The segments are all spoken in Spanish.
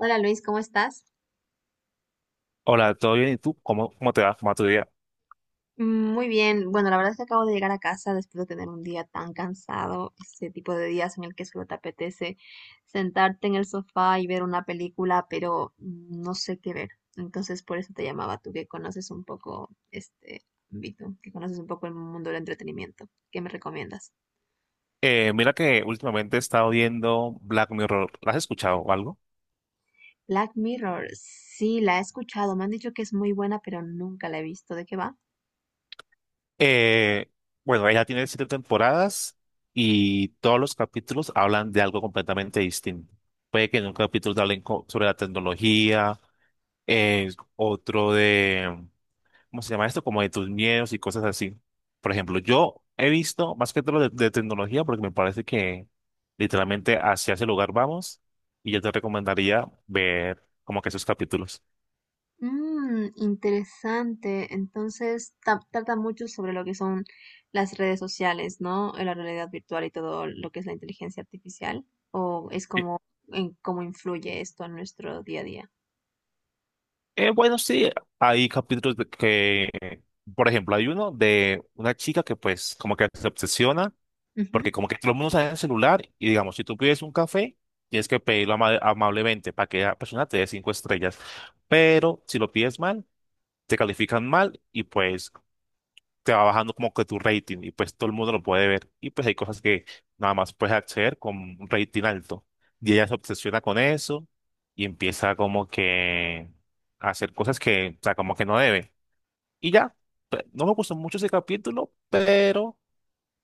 Hola Luis, ¿cómo estás? Hola, ¿todo bien? ¿Y tú? ¿Cómo te va? ¿Cómo va tu día? Muy bien. Bueno, la verdad es que acabo de llegar a casa después de tener un día tan cansado, ese tipo de días en el que solo te apetece sentarte en el sofá y ver una película, pero no sé qué ver. Entonces, por eso te llamaba, tú que conoces un poco este ámbito, que conoces un poco el mundo del entretenimiento. ¿Qué me recomiendas? Mira que últimamente he estado viendo Black Mirror. ¿La has escuchado o algo? Black Mirror, sí, la he escuchado. Me han dicho que es muy buena, pero nunca la he visto. ¿De qué va? Eh, bueno, ella tiene siete temporadas y todos los capítulos hablan de algo completamente distinto. Puede que en un capítulo te hablen sobre la tecnología, eh, otro de ¿cómo se llama esto? Como de tus miedos y cosas así. Por ejemplo, yo he visto más que todo de tecnología porque me parece que literalmente hacia ese lugar vamos y yo te recomendaría ver como que esos capítulos. Mm, interesante. Entonces, trata mucho sobre lo que son las redes sociales, ¿no? La realidad virtual y todo lo que es la inteligencia artificial, o es Eh, como en cómo influye esto en nuestro día a día. Bueno, sí, hay capítulos de que, por ejemplo, hay uno de una chica que pues como que se obsesiona porque como que todo el mundo sabe el celular y digamos, si tú pides un café, tienes que pedirlo amablemente para que la persona te dé cinco estrellas. Pero si lo pides mal, te califican mal y pues te va bajando como que tu rating y pues todo el mundo lo puede ver y pues hay cosas que nada más puedes acceder con un rating alto. Y ella se obsesiona con eso y empieza como que a hacer cosas que, o sea, como que no debe. Y ya, no me gustó mucho ese capítulo, pero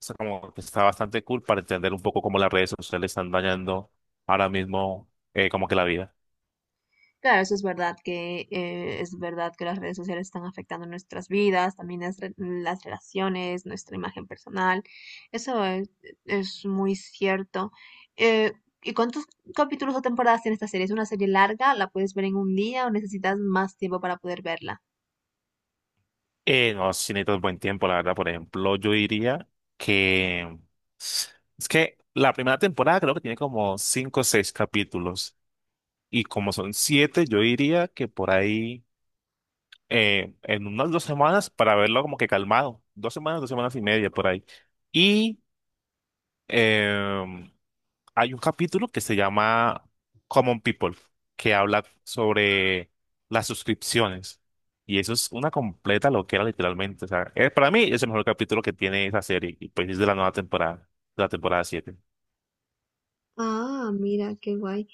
o sea, como que está bastante cool para entender un poco cómo las redes sociales están dañando ahora mismo como que la vida. Claro, eso es verdad que las redes sociales están afectando nuestras vidas, también las relaciones, nuestra imagen personal. Eso es muy cierto. Eh, ¿Y cuántos capítulos o temporadas tiene esta serie? ¿Es una serie larga? ¿La puedes ver en un día o necesitas más tiempo para poder verla? No, si necesitas buen tiempo, la verdad. Por ejemplo, yo diría que es que la primera temporada creo que tiene como cinco o seis capítulos. Y como son siete, yo diría que por ahí en unas 2 semanas para verlo como que calmado. 2 semanas, 2 semanas y media por ahí. Y em, hay un capítulo que se llama Common People, que habla sobre las suscripciones. Y eso es una completa loquera, literalmente. O sea, para mí es el mejor capítulo que tiene esa serie. Y pues es de la nueva temporada, de la temporada 7. Ah, mira, qué guay.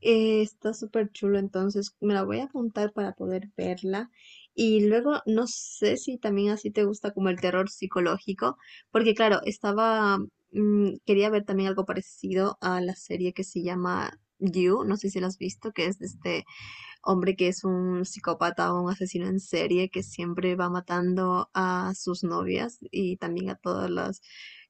Está súper chulo, entonces me la voy a apuntar para poder verla. Y luego no sé si también así te gusta como el terror psicológico, porque claro, quería ver también algo parecido a la serie que se llama You, no sé si la has visto, que es de este hombre que es un psicópata o un asesino en serie que siempre va matando a sus novias y también a todos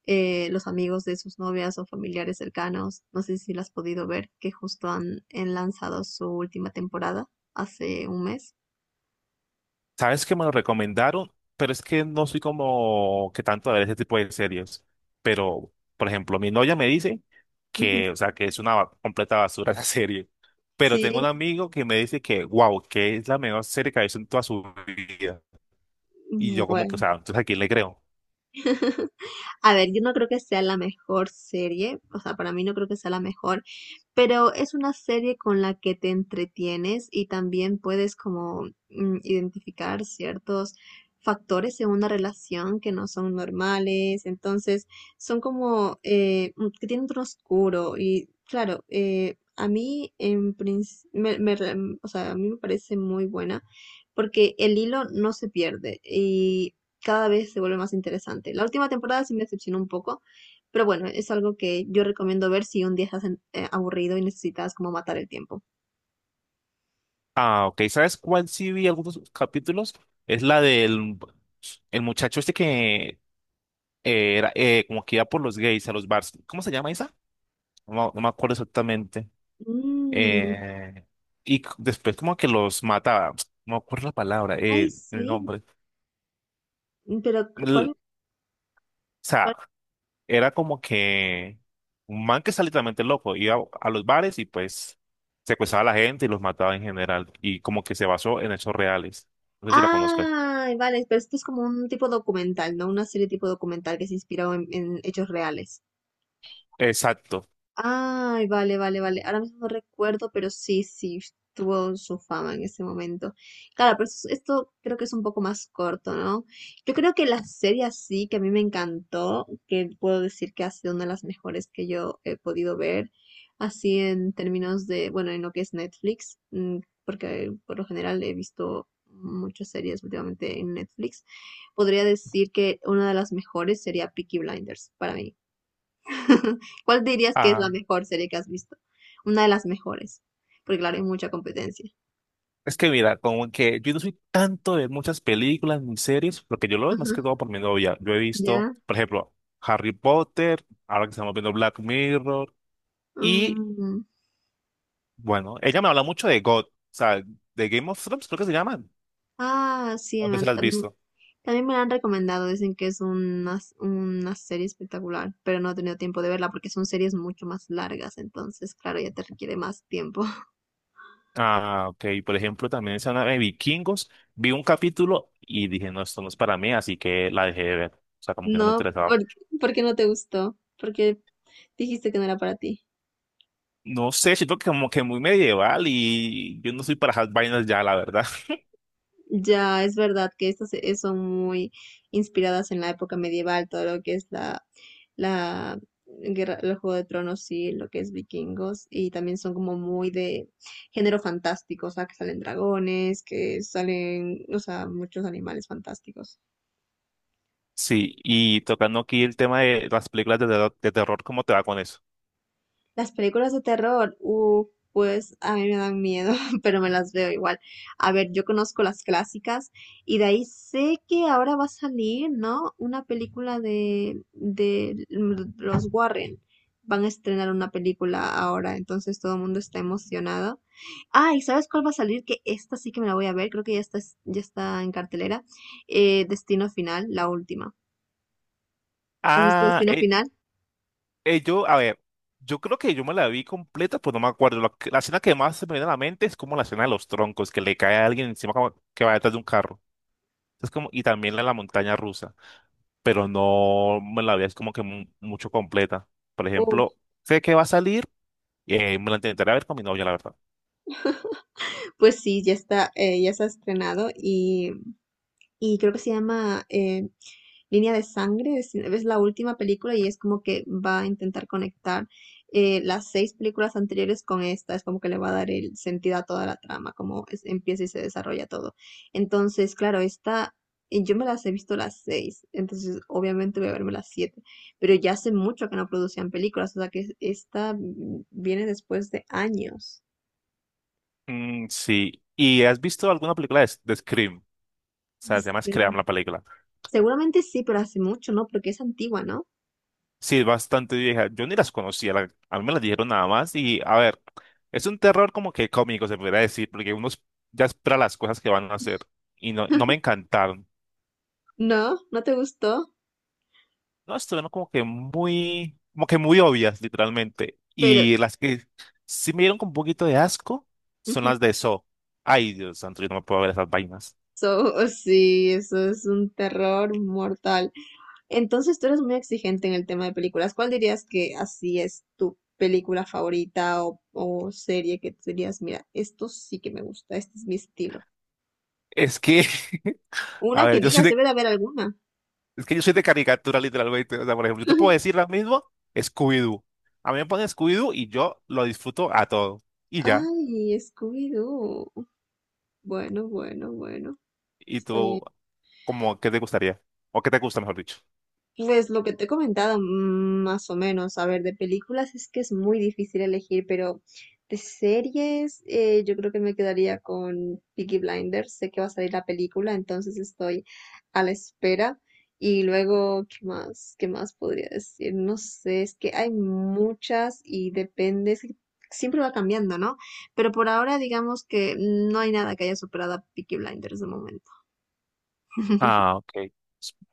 los amigos de sus novias o familiares cercanos. No sé si lo has podido ver, que justo han lanzado su última temporada hace un mes. Sabes que me lo recomendaron, pero es que no soy como que tanto a ver ese tipo de series. Pero, por ejemplo, mi novia me dice Ujú. que, o sea, que es una completa basura esa serie. Pero tengo un Sí, amigo que me dice que, wow, que es la mejor serie que ha visto en toda su vida. Y yo como que, o bueno. sea, entonces ¿a quién le creo? A ver, yo no creo que sea la mejor serie, o sea, para mí no creo que sea la mejor, pero es una serie con la que te entretienes y también puedes como identificar ciertos factores en una relación que no son normales, entonces son como que tienen un tono oscuro y claro, a mí en princ- me re- o sea, a mí me parece muy buena porque el hilo no se pierde y cada vez se vuelve más interesante. La última temporada sí me decepcionó un poco, pero bueno, es algo que yo recomiendo ver si un día estás aburrido y necesitas como matar el tiempo. Ah, ok, ¿sabes cuál sí vi algunos capítulos? Es la del el muchacho este que era como que iba por los gays a los bars. ¿Cómo se llama esa? No, me no me acuerdo exactamente. Mm, Eh, y después como que los mataba. No me acuerdo la palabra, ay, el sí, nombre. pero O ¿cuál? sea, cuál? era como que un man que está literalmente loco, iba a los bares y pues secuestraba a la gente y los mataba en general y como que se basó en hechos reales. No sé si la conozcas. Ah, vale, pero esto es como un tipo documental, ¿no? Una serie tipo documental que se inspiró en hechos reales. Exacto. Ay, vale, vale, vale. Ahora mismo no recuerdo, pero sí, sí, tuvo su fama en ese momento. Claro, pero esto creo que es un poco más corto, ¿no? Yo creo que la serie así, que a mí me encantó, que puedo decir que ha sido una de las mejores que yo he podido ver, así en términos de, bueno, en lo que es Netflix, porque por lo general he visto muchas series últimamente en Netflix, podría decir que una de las mejores sería Peaky Blinders para mí. ¿Cuál dirías que es la Ah, mejor serie que has visto? Una de las mejores, porque claro, hay mucha competencia. es que mira, como que yo no soy tanto de muchas películas ni series, lo que yo lo veo es más Ujú. que todo por mi novia. Yo he visto, Ya. por ejemplo, Harry Potter, ahora que estamos viendo Black Mirror y Mm. bueno, ella me habla mucho de o sea, de Game of Thrones, creo que se llaman. Ah, sí, No sé si la has también, visto. también me la han recomendado. Dicen que es una, una serie espectacular, pero no he tenido tiempo de verla porque son series mucho más largas, entonces, claro, ya te requiere más tiempo. Ah, ok. Por ejemplo, también esa nave de Vikingos, vi un capítulo y dije, no, esto no es para mí, así que la dejé de ver. O sea, como que no me No, interesaba. ¿Por qué no te gustó? Porque dijiste que no era para ti. No sé, siento que como que muy medieval y yo no soy para esas vainas ya, la verdad. Ya es verdad que estas son muy inspiradas en la época medieval, todo lo que es la guerra, el Juego de Tronos y lo que es vikingos, y también son como muy de género fantástico, o sea, que salen dragones, que salen, o sea, muchos animales fantásticos. Sí, y tocando aquí el tema de las películas de terror, ¿cómo te va con eso? Las películas de terror, pues a mí me dan miedo, pero me las veo igual. A ver, yo conozco las clásicas y de ahí sé que ahora va a salir, ¿no? Una película de los Warren. Van a estrenar una película ahora, entonces todo el mundo está emocionado. Ah, ¿y sabes cuál va a salir? Que esta sí que me la voy a ver, creo que ya está en cartelera. Destino Final, la última. ¿Has visto Ah, Destino Final? Yo, a ver, yo creo que yo me la vi completa, pues no me acuerdo. La escena que más se me viene a la mente es como la escena de los troncos, que le cae a alguien encima como que va detrás de un carro. Es como, y también la de la montaña rusa. Pero no me la veía es como que mucho completa. Por Uh, ejemplo, sé que va a salir, me la intentaré ver con mi novia, la verdad. pues sí, ya está, ya se ha estrenado y creo que se llama Línea de Sangre, es la última película y es como que va a intentar conectar las 6 películas anteriores con esta, es como que le va a dar el sentido a toda la trama, como empieza y se desarrolla todo. Entonces, claro, esta, y yo me las he visto las 6, entonces obviamente voy a verme las 7, pero ya hace mucho que no producían películas, o sea que esta viene después de años. Mm, sí. ¿Y has visto alguna película de Scream? O sea, se llama Scream Sí. la película. Seguramente sí, pero hace mucho, ¿no? Porque es antigua, ¿no? Sí, es bastante vieja. Yo ni las conocía, a mí me las dijeron nada más. Y a ver, es un terror como que cómico, se podría decir, porque uno ya espera las cosas que van a hacer. Y no, no me encantaron. No, ¿no te gustó? No, estuvieron como que muy obvias, literalmente. Pero Y las que sí me dieron con un poquito de asco son ujú, las de eso. Ay, Dios santo, yo no me puedo ver esas vainas. eso sí, eso es un terror mortal. Entonces tú eres muy exigente en el tema de películas. ¿Cuál dirías que así es tu película favorita o serie que tú dirías, mira, esto sí que me gusta, este es mi estilo? Es que, Una a que ver, yo soy digas, de, debe de haber alguna. es que yo soy de caricatura, literalmente. O sea, por ejemplo, yo te puedo decir lo mismo, Scooby-Doo. A mí me ponen Scooby-Doo y yo lo disfruto a todo. Y ya. Ay, Scooby-Doo. Bueno, bueno, bueno. Y Está bien. tú, como, ¿qué te gustaría? ¿O qué te gusta, mejor dicho? Pues lo que te he comentado, más o menos, a ver, de películas es que es muy difícil elegir, pero de series yo creo que me quedaría con Peaky Blinders, sé que va a salir la película, entonces estoy a la espera. Y luego, ¿qué más? ¿Qué más podría decir? No sé, es que hay muchas y depende, es que siempre va cambiando, ¿no? Pero por ahora digamos que no hay nada que haya superado a Peaky Blinders de momento. Ah, ok.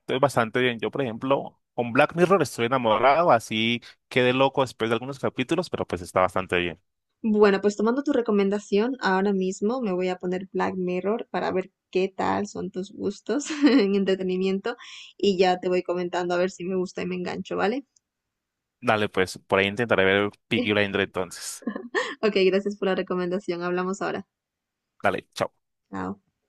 Estoy bastante bien. Yo, por ejemplo, con Black Mirror estoy enamorado, así quedé loco después de algunos capítulos, pero pues está bastante bien. Bueno, pues tomando tu recomendación, ahora mismo me voy a poner Black Mirror para ver qué tal son tus gustos en entretenimiento y ya te voy comentando a ver si me gusta y me engancho, ¿vale? Dale, pues, por ahí intentaré ver Peaky Blinders entonces. Ok, gracias por la recomendación. Hablamos ahora. Dale, chao. Chao.